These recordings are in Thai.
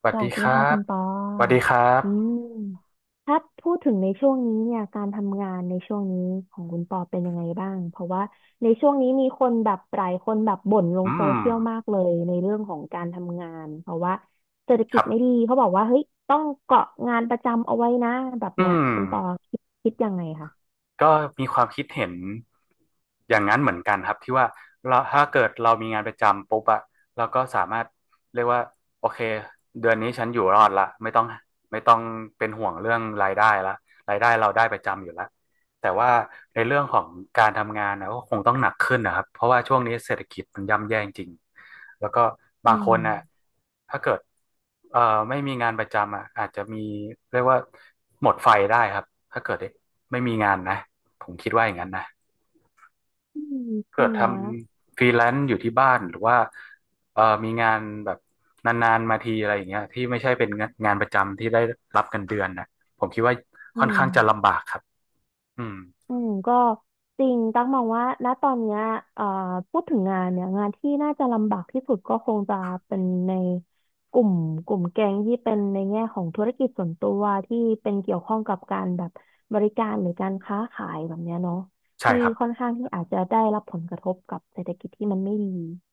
สวัสสดีวัสคดีรัค่ะคุบณปอสวัสดีครัอืบมถ้าพูดถึงในช่วงนี้เนี่ยการทำงานในช่วงนี้ของคุณปอเป็นยังไงบ้างเพราะว่าในช่วงนี้มีคนแบบหลายคนแบบบ่นลอืงโซมเชียลมากเลยในเรื่องของการทำงานเพราะว่าเศรษฐคกิรัจไม่ดีบเขาบอกว่าเฮ้ยต้องเกาะงานประจำเอาไว้นะแบบอืเนี้ยมคุณปอคิดยังไงคะก็มีความคิดเห็นอย่างนั้นเหมือนกันครับที่ว่าเราถ้าเกิดเรามีงานประจำปุ๊บอะเราก็สามารถเรียกว่าโอเคเดือนนี้ฉันอยู่รอดละไม่ต้องเป็นห่วงเรื่องรายได้ละรายได้เราได้ประจำอยู่ละแต่ว่าในเรื่องของการทำงานนะก็คงต้องหนักขึ้นนะครับ เพราะว่าช่วงนี้เศรษฐกิจมันย่ำแย่จริง แล้วก็บาอืงคมนน่ะถ้าเกิดเอ่อไม่มีงานประจำอ่ะอาจจะมีเรียกว่าหมดไฟได้ครับถ้าเกิดไม่มีงานนะผมคิดว่าอย่างนั้นนะอืมจริเกิดงทนะำฟรีแลนซ์อยู่ที่บ้านหรือว่ามีงานแบบนานๆมาทีอะไรอย่างเงี้ยที่ไม่ใช่เป็นงานประจำที่ได้รับเงินเดือนนะผมคิดว่าอืค่อนข้างจะม ลำบากครับอืมอืมก็จริงตั๊กมองว่าณตอนเนี้ยเอ่อพูดถึงงานเนี่ยงานที่น่าจะลำบากที่สุดก็คงจะเป็นในกลุ่มกลุ่มแก๊งที่เป็นในแง่ของธุรกิจส่วนตัวที่เป็นเกี่ยวข้องกับการแบบบริการหรือการค้าขายแบบเนี้ยเนาะใช่ที่ครับค่อนข้างที่อาจจะได้รับผลกระทบกับเศรษฐกิจที่มันไม่ดี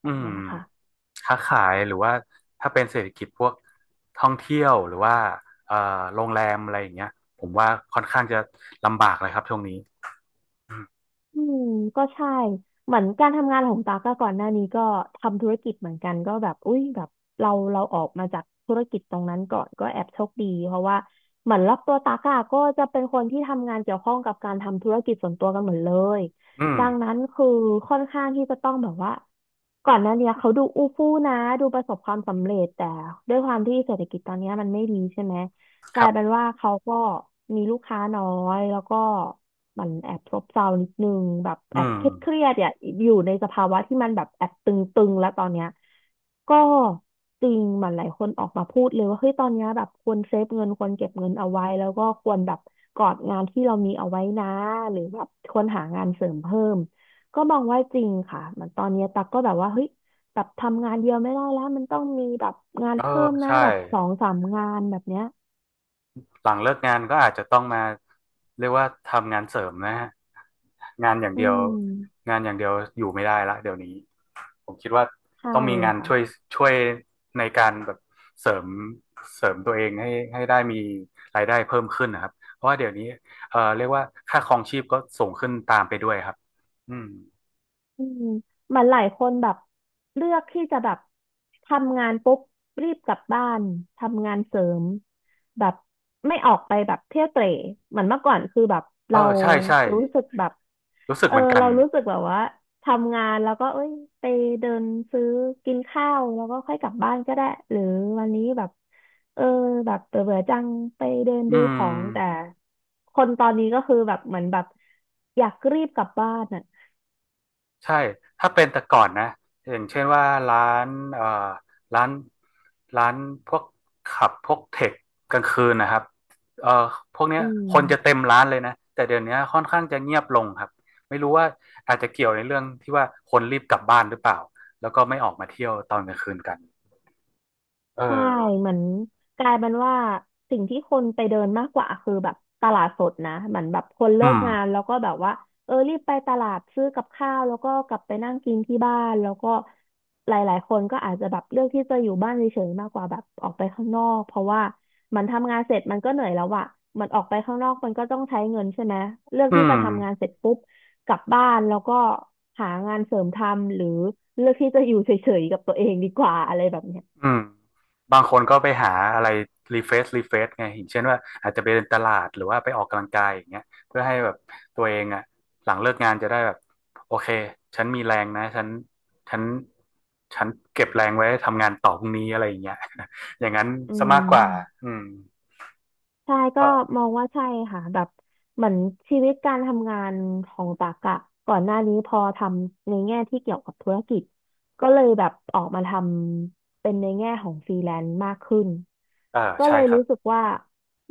แบอืบม เนี้ยค่ะ ค้าขายหรือว่าถ้าเป็นเศรษฐกิจพวกท่องเที่ยวหรือว่าเอ่อโรงแรมอะไรอย่างเงี้ยผมว่าค่อนข้างจะลำบากเลยครับช่วงนี้อืมอืมก็ใช่เหมือนการทำงานของตากอะก่อนหน้านี้ก็ทำธุรกิจเหมือนกันก็แบบอุ้ยแบบเราออกมาจากธุรกิจตรงนั้นก่อนก็แอบโชคดีเพราะว่าเหมือนรอบตัวตากอะก็จะเป็นคนที่ทำงานเกี่ยวข้องกับการทำธุรกิจส่วนตัวกันหมดเลยอืมดังนั้นคือค่อนข้างที่จะต้องแบบว่าก่อนหน้าเนี้ยเขาดูอู้ฟู่นะดูประสบความสำเร็จแต่ด้วยความที่เศรษฐกิจตอนเนี้ยมันไม่ดีใช่ไหม กคลารัยเป็นบว่าเขาก็มีลูกค้าน้อยแล้วก็มันแอบซบเซานิดนึงแบบอืแอบมเครียดอ่ะอยู่ในสภาวะที่มันแบบแอบตึงๆแล้วตอนเนี้ยก็จริงมันหลายคนออกมาพูดเลยว่าเฮ้ยตอนเนี้ยแบบควรเซฟเงินควรเก็บเงินเอาไว้แล้วก็ควรแบบกอดงานที่เรามีเอาไว้นะหรือแบบควรหางานเสริมเพิ่มก็มองว่าจริงค่ะมันตอนเนี้ยตักก็แบบว่าเฮ้ยแบบทำงานเดียวไม่ได้แล้วมันต้องมีแบบงานเออเพิ่มนะใช่แบบสองสามงานแบบเนี้ย หลังเลิกงานก็อาจจะต้องมาเรียกว่าทำงานเสริมนะฮะงานอย่างอืเดียวมงานอย่างเดียวอยู่ไม่ได้ละเดี๋ยวนี้ ผมคิดว่าใช่ต้องมีงานค่ะ ช่วยในการแบบเสริมเสริมตัวเองให้ได้มีรายได้เพิ่มขึ้นนะครับเพราะว่าเดี๋ยวนี้เรียกว่าค่าครองชีพก็สูงขึ้นตามไปด้วยครับอืมอืมเหมันหลายคนแบบเลือกที่จะแบบทำงานปุ๊บรีบกลับบ้านทำงานเสริมแบบไม่ออกไปแบบเที่ยวเตร่เหมือนเมื่อก่อนคือแบบเออเราใช่ใช่รู้สึกแบบรู้สึกเอเหอมือนกันเรารู้สึกแบบว่าทำงานแล้วก็เอ้ยไปเดินซื้อกินข้าวแล้วก็ค่อยกลับบ้านก็ได้หรือวันนี้แบบเออแบบเบื่อๆจังไปเดินอืดูของแต่ม คนตอนนี้ก็คือแบบเหมือนแบบอยากรีบกลับบ้านอ่ะใช่ ถ้าเป็นแต่ก่อนนะอย่างเช่นว่าร้านเอ่อร้านร้านพวกขับพวกเทคกลางคืนนะครับเอ่อพวกเนี้อืยม คนจะเต็มร้านเลยนะ แต่เดี๋ยวนี้ค่อนข้างจะเงียบลงครับ ไม่รู้ว่าอาจจะเกี่ยวในเรื่องที่ว่าคนรีบกลับบ้านหรือเปล่า แล้วก็ไม่ออกมาเที่ยวตอนกลางคืนกัน เอใช่อ เหมือนกลายเป็นว่าสิ่งที่คนไปเดินมากกว่าคือแบบตลาดสดนะเหมือนแบบคนอืเลิกงานมแล้วก็แบบว่าเออรีบไปตลาดซื้อกับข้าวแล้วก็กลับไปนั่งกินที่บ้านแล้วก็หลายๆคนก็อาจจะแบบเลือกที่จะอยู่บ้านเฉยๆมากกว่าแบบออกไปข้างนอกเพราะว่ามันทำงานเสร็จมันก็เหนื่อยแล้วอะมันออกไปข้างนอกมันก็ต้องใช้เงินใช่ไหมเลือกอืที่ม จะทำงานเสร็จปุ๊บกลับบ้านแล้วก็หางานเสริมทำหรือเลือกที่จะอยู่เฉยๆกับตัวเองดีกว่าอะไรแบบเนี้ย อืมบางคนก็ไปหาอะไรรีเฟรชไงอย่างเช่นว่าอาจจะไปเดินตลาดหรือว่าไปออกกำลังกายอย่างเงี้ยเพื่อให้แบบตัวเองอ่ะหลังเลิกงานจะได้แบบโอเคฉันมีแรงนะฉันฉันเก็บแรงไว้ทำงานต่อพรุ่งนี้อะไรอย่างเงี้ย อย่างนั้นอืซะมากมกว่าอืมใช่ก็ก็มองว่าใช่ค่ะแบบเหมือนชีวิตการทำงานของตักอะก่อนหน้านี้พอทำในแง่ที่เกี่ยวกับธุรกิจก็เลยแบบออกมาทำเป็นในแง่ของฟรีแลนซ์มากขึ้นเออก็ใช่เลยครัรู้สึบกว่า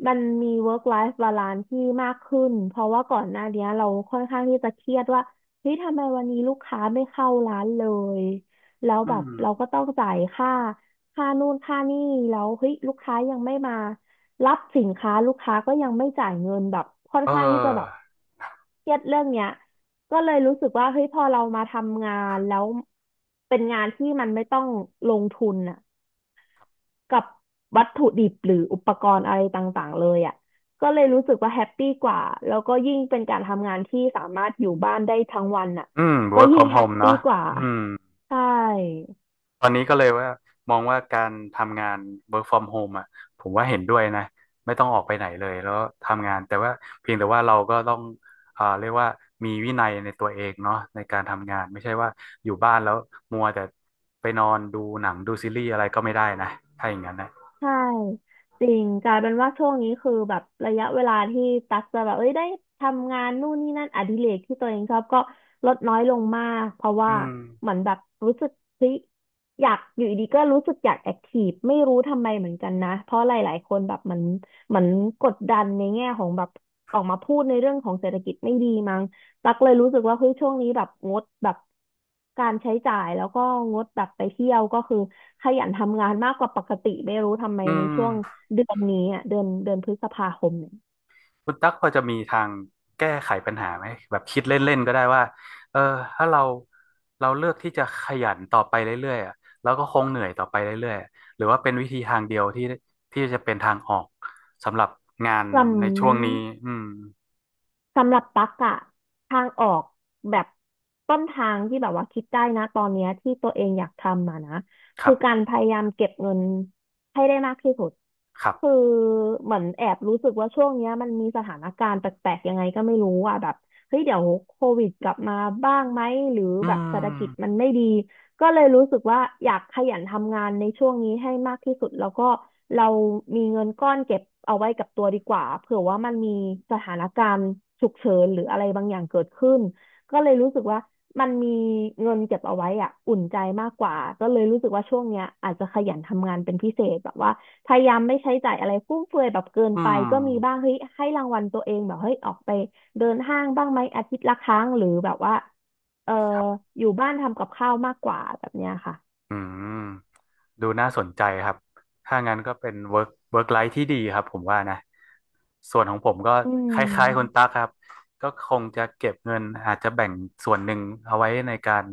มันมี work life balance ที่มากขึ้นเพราะว่าก่อนหน้านี้เราค่อนข้างที่จะเครียดว่าเฮ้ยทำไมวันนี้ลูกค้าไม่เข้าร้านเลยแล้วอืแบบมเราก็ต้องจ่ายค่าค่านู่นค่านี่แล้วเฮ้ยลูกค้ายังไม่มา รับสินค้าลูกค้าก็ยังไม่จ่ายเงินแบบค่อนเอข้างที่จะแบบอเครียดเรื่องเนี้ยก็เลยรู้สึกว่าเฮ้ยพอเรามาทำงานแล้วเป็นงานที่มันไม่ต้องลงทุนน่ะกับวัตถุดิบหรืออุปกรณ์อะไรต่างๆเลยอ่ะก็เลยรู้สึกว่าแฮปปี้กว่าแล้วก็ยิ่งเป็นการทำงานที่สามารถอยู่บ้านได้ทั้งวันน่ะอืม ก็ work ยิ่ง from แฮป home ปี้เนาะกว่าอืม ใช่ ตอนนี้ก็เลยว่ามองว่าการทำงาน work from home อ่ะผมว่าเห็นด้วยนะไม่ต้องออกไปไหนเลยแล้วทำงานแต่ว่าเพียงแต่ว่าเราก็ต้องอ่าเรียกว่ามีวินัยในตัวเองเนาะในการทำงานไม่ใช่ว่าอยู่บ้านแล้วมัวแต่ไปนอนดูหนังดูซีรีส์อะไรก็ไม่ได้นะถ้าอย่างนั้นนะใช่จริงกลายเป็นว่าช่วงนี้คือแบบระยะเวลาที่ตักจะแบบเอ้ยได้ทำงานนู่นนี่นั่นอดิเรกที่ตัวเองชอบก็ลดน้อยลงมากเพราะอืว่ามเหมือนแบบรู้สึกเฮ้ยอยากอยู่ดีๆก็รู้สึกอยากแอคทีฟไม่รู้ทำไมเหมือนกันนะเพราะหลายๆคนแบบเหมือนกดดันในแง่ของแบบออกมาพูดในเรื่องของเศรษฐกิจไม่ดีมั้ง ตักเลยรู้สึกว่าเฮ้ยช่วงนี้แบบงดแบบการใช้จ่ายแล้วก็งดแบบไปเที่ยวก็คือขยันทำงานมากกว่าปกติไม่รู้ทำไมอืในม ช่วงเดือนนี้อ่ะเดือนพฤษภาคมเนี่ยคุณตั๊กพอจะมีทางแก้ไขปัญหาไหมแบบคิดเล่นๆก็ได้ว่าเออถ้าเราเลือกที่จะขยันต่อไปเรื่อยๆอะแล้วก็คงเหนื่อยต่อไปเรื่อยๆอะหรือว่าเป็นวิธีทางเดียวที่จะเป็นทางออกสำหรับงานลำ ในช่วงนี้อืมสำหรับตั๊กอะทางออกแบบต้นทางที่แบบว่าคิดได้นะตอนเนี้ยที่ตัวเองอยากทำมานะครัคือการบพยายามเก็บเงินให้ได้มากที่สุดครัคือบเหมือนแอบรู้สึกว่าช่วงเนี้ยมันมีสถานการณ์แปลกๆยังไงก็ไม่รู้อ่ะแบบเฮ้ยเดี๋ยวโควิดกลับมาบ้างไหมหรืออืแบบเศรษฐกิจมันมไม่ดี ก็เลยรู้สึกว่าอยากขยันทำงานในช่วงนี้ให้มากที่สุดแล้วก็เรามีเงินก้อนเก็บเอาไว้กับตัวดีกว่าเผื่อว่ามันมีสถานการณ์ฉุกเฉินหรืออะไรบางอย่างเกิดขึ้นก็เลยรู้สึกว่ามันมีเงินเก็บเอาไว้อะอุ่นใจมากกว่าก็เลยรู้สึกว่าช่วงเนี้ยอาจจะขยันทำงานเป็นพิเศษแบบว่าพยายามไม่ใช้จ่ายอะไรฟุ่มเฟือยแบบเกินอืไปมก็มีบ้างเฮ้ยให้รางวัลตัวเองแบบเฮ้ยออกไปเดินห้างบ้างไหมอาทิตย์ละครั้งหรือแบบว่า เอ่อครับ อยู่บ้านทำกับข้าวมากกว่าแบบเนี้ยค่ะอืมดูน่าสนใจครับถ้างั้นก็เป็น work life ที่ดีครับผมว่านะส่วนของผมก็อืคล้ายๆคุณมตั๊กครับก็คงจะเก็บเงินอาจจะแบ่งส่วนหนึ่งเอาไว้ในการ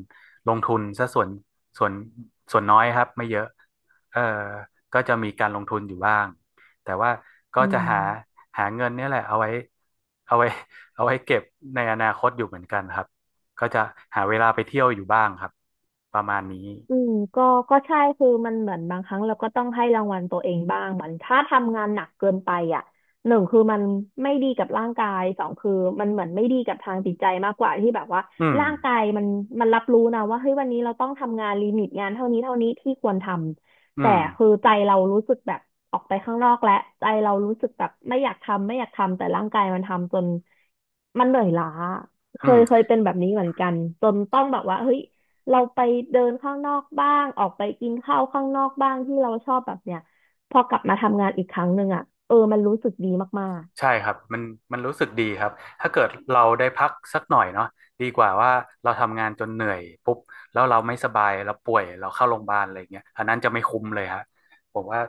ลงทุนซะส่วนส่วนน้อยครับไม่เยอะเอ่อก็จะมีการลงทุนอยู่บ้างแต่ว่าก็อืจะหาม หาเงินเนี่ยแหละเอาไว้เอาไว้เก็บในอนาคตอยู่เหมือนกันครับก็จะหาเวลาไปเที่ยวอยู่บ้างครับประมาณนี้ อืมก็ใช่คือมันเหมือนบางครั้งเราก็ต้องให้รางวัลตัวเองบ้างเหมือนถ้าทำงานหนักเกินไปอ่ะหนึ่งคือมันไม่ดีกับร่างกายสองคือมันเหมือนไม่ดีกับทางจิตใจมากกว่าที่แบบว่าอืมร่างกายมันรับรู้นะว่าเฮ้ยวันนี้เราต้องทำงานลิมิตงานเท่านี้เท่านี้ที่ควรทำอืแต่มคือใจเรารู้สึกแบบออกไปข้างนอกแล้วใจเรารู้สึกแบบไม่อยากทำไม่อยากทำแต่ร่างกายมันทำจนมันเหนื่อยล้าเคอืม ยเคยเป็นแบบนี้เหมือนกันจนต้องแบบว่าเฮ้ย เราไปเดินข้างนอกบ้าง ออกไปกินข้าวข้างนอกบ้างที่เราชอบแบบเนี้ยพอกลับมาทำงานอีกครั้งหนึ่งอ่ะเออมันรู้สึกดีมากๆ ใช่ครับมันรู้สึกดีครับ ถ้าเกิดเราได้พักสักหน่อยเนาะดีกว่าว่าเราทำงานจนเหนื่อยปุ๊บแล้วเราไม่สบายเราป่วยเราเข้าโรงพยาบาลอะไรเงี้ยอันนั้นจะไม่คุ้มเลยฮะผมว่า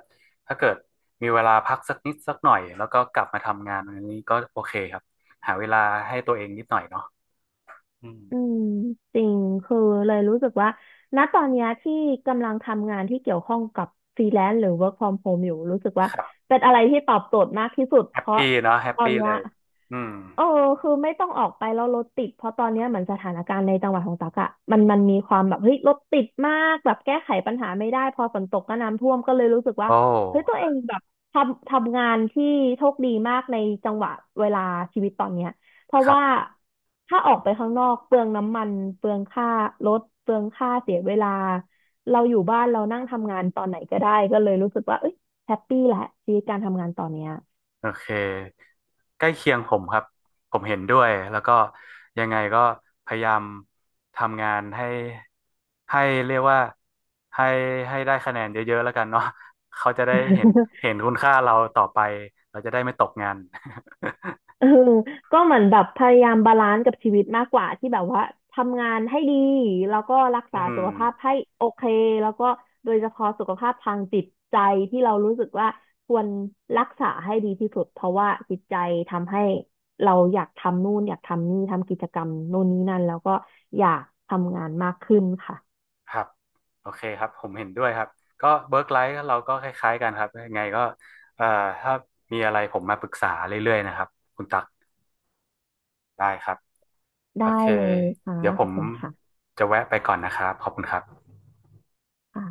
ถ้าเกิดมีเวลาพักสักนิดสักหน่อยแล้วก็กลับมาทำงานอันนี้ก็โอเคครับหาเวลาให้ตัวเองนิดหน่อยเนาะอืมอืมจริงคือเลยรู้สึกว่าณตอนเนี้ยที่กำลังทำงานที่เกี่ยวข้องกับฟรีแลนซ์หรือ work from home อยู่รู้สึกว่าครับเป็นอะไรที่ตอบโจทย์มากที่สุดแฮเพปราะปี้เนาะแฮปตอนปี้เนี้เลยยอืมเออคือไม่ต้องออกไปแล้วรถติดเพราะตอนเนี้ยเหมือนสถานการณ์ในจังหวัดของตักอะมันมีความแบบเฮ้ยรถติดมากแบบแก้ไขปัญหาไม่ได้พอฝนตกก็น้ำท่วมก็เลยรู้สึกโอว่าเฮ้ยตัว้เองแบบทำงานที่โชคดีมากในจังหวะเวลาชีวิตตอนเนี้ย เพราะครัว่าบ ถ้าออกไปข้างนอกเปลืองน้ำมันเปลืองค่ารถเปลืองค่าเสียเวลาเราอยู่บ้านเรานั่งทำงานตอนไหนก็ได้ก็เลยรู้สึกว่าเอ้ยแฮปปี้แหละชีวิตการทำงานตอนเนี้ย โอเคใกล้เคียงผมครับผมเห็นด้วยแล้วก็ยังไงก็พยายามทำงานให้เรียกว่าให้ให้ได้คะแนนเยอะๆแล้วกันเนาะเขาจะได้เห็นคุณค่าเราต่อไปเราจะได้ไม่ตกงาน เออก็เหมือนแบบพยายามบาลานซ์กับชีวิตมากกว่าที่แบบว่าทำงานให้ดีแล้วก็รัก อืษาสุมขภาพให้โอเคแล้วก็โดยเฉพาะสุขภาพทางจิตใจที่เรารู้สึกว่าควรรักษาให้ดีที่สุดเพราะว่าจิตใจทำให้เราอยากทำนู่นอยากทำนี่ทำกิจกรรมนู่นนี่นั่นแล้วก็อยากทำงานมากขึ้นค่ะครับโอเคครับผมเห็นด้วยครับก็เวิร์กไลฟ์เราก็คล้ายๆกันครับยังไงก็เอ่อถ้ามีอะไรผมมาปรึกษาเรื่อยๆนะครับคุณตักได้ครับ โอได้เค เลยค่ะเดี๋ยวผขอบมคุณค่ะจะแวะไปก่อนนะครับ ขอบคุณครับค่ะ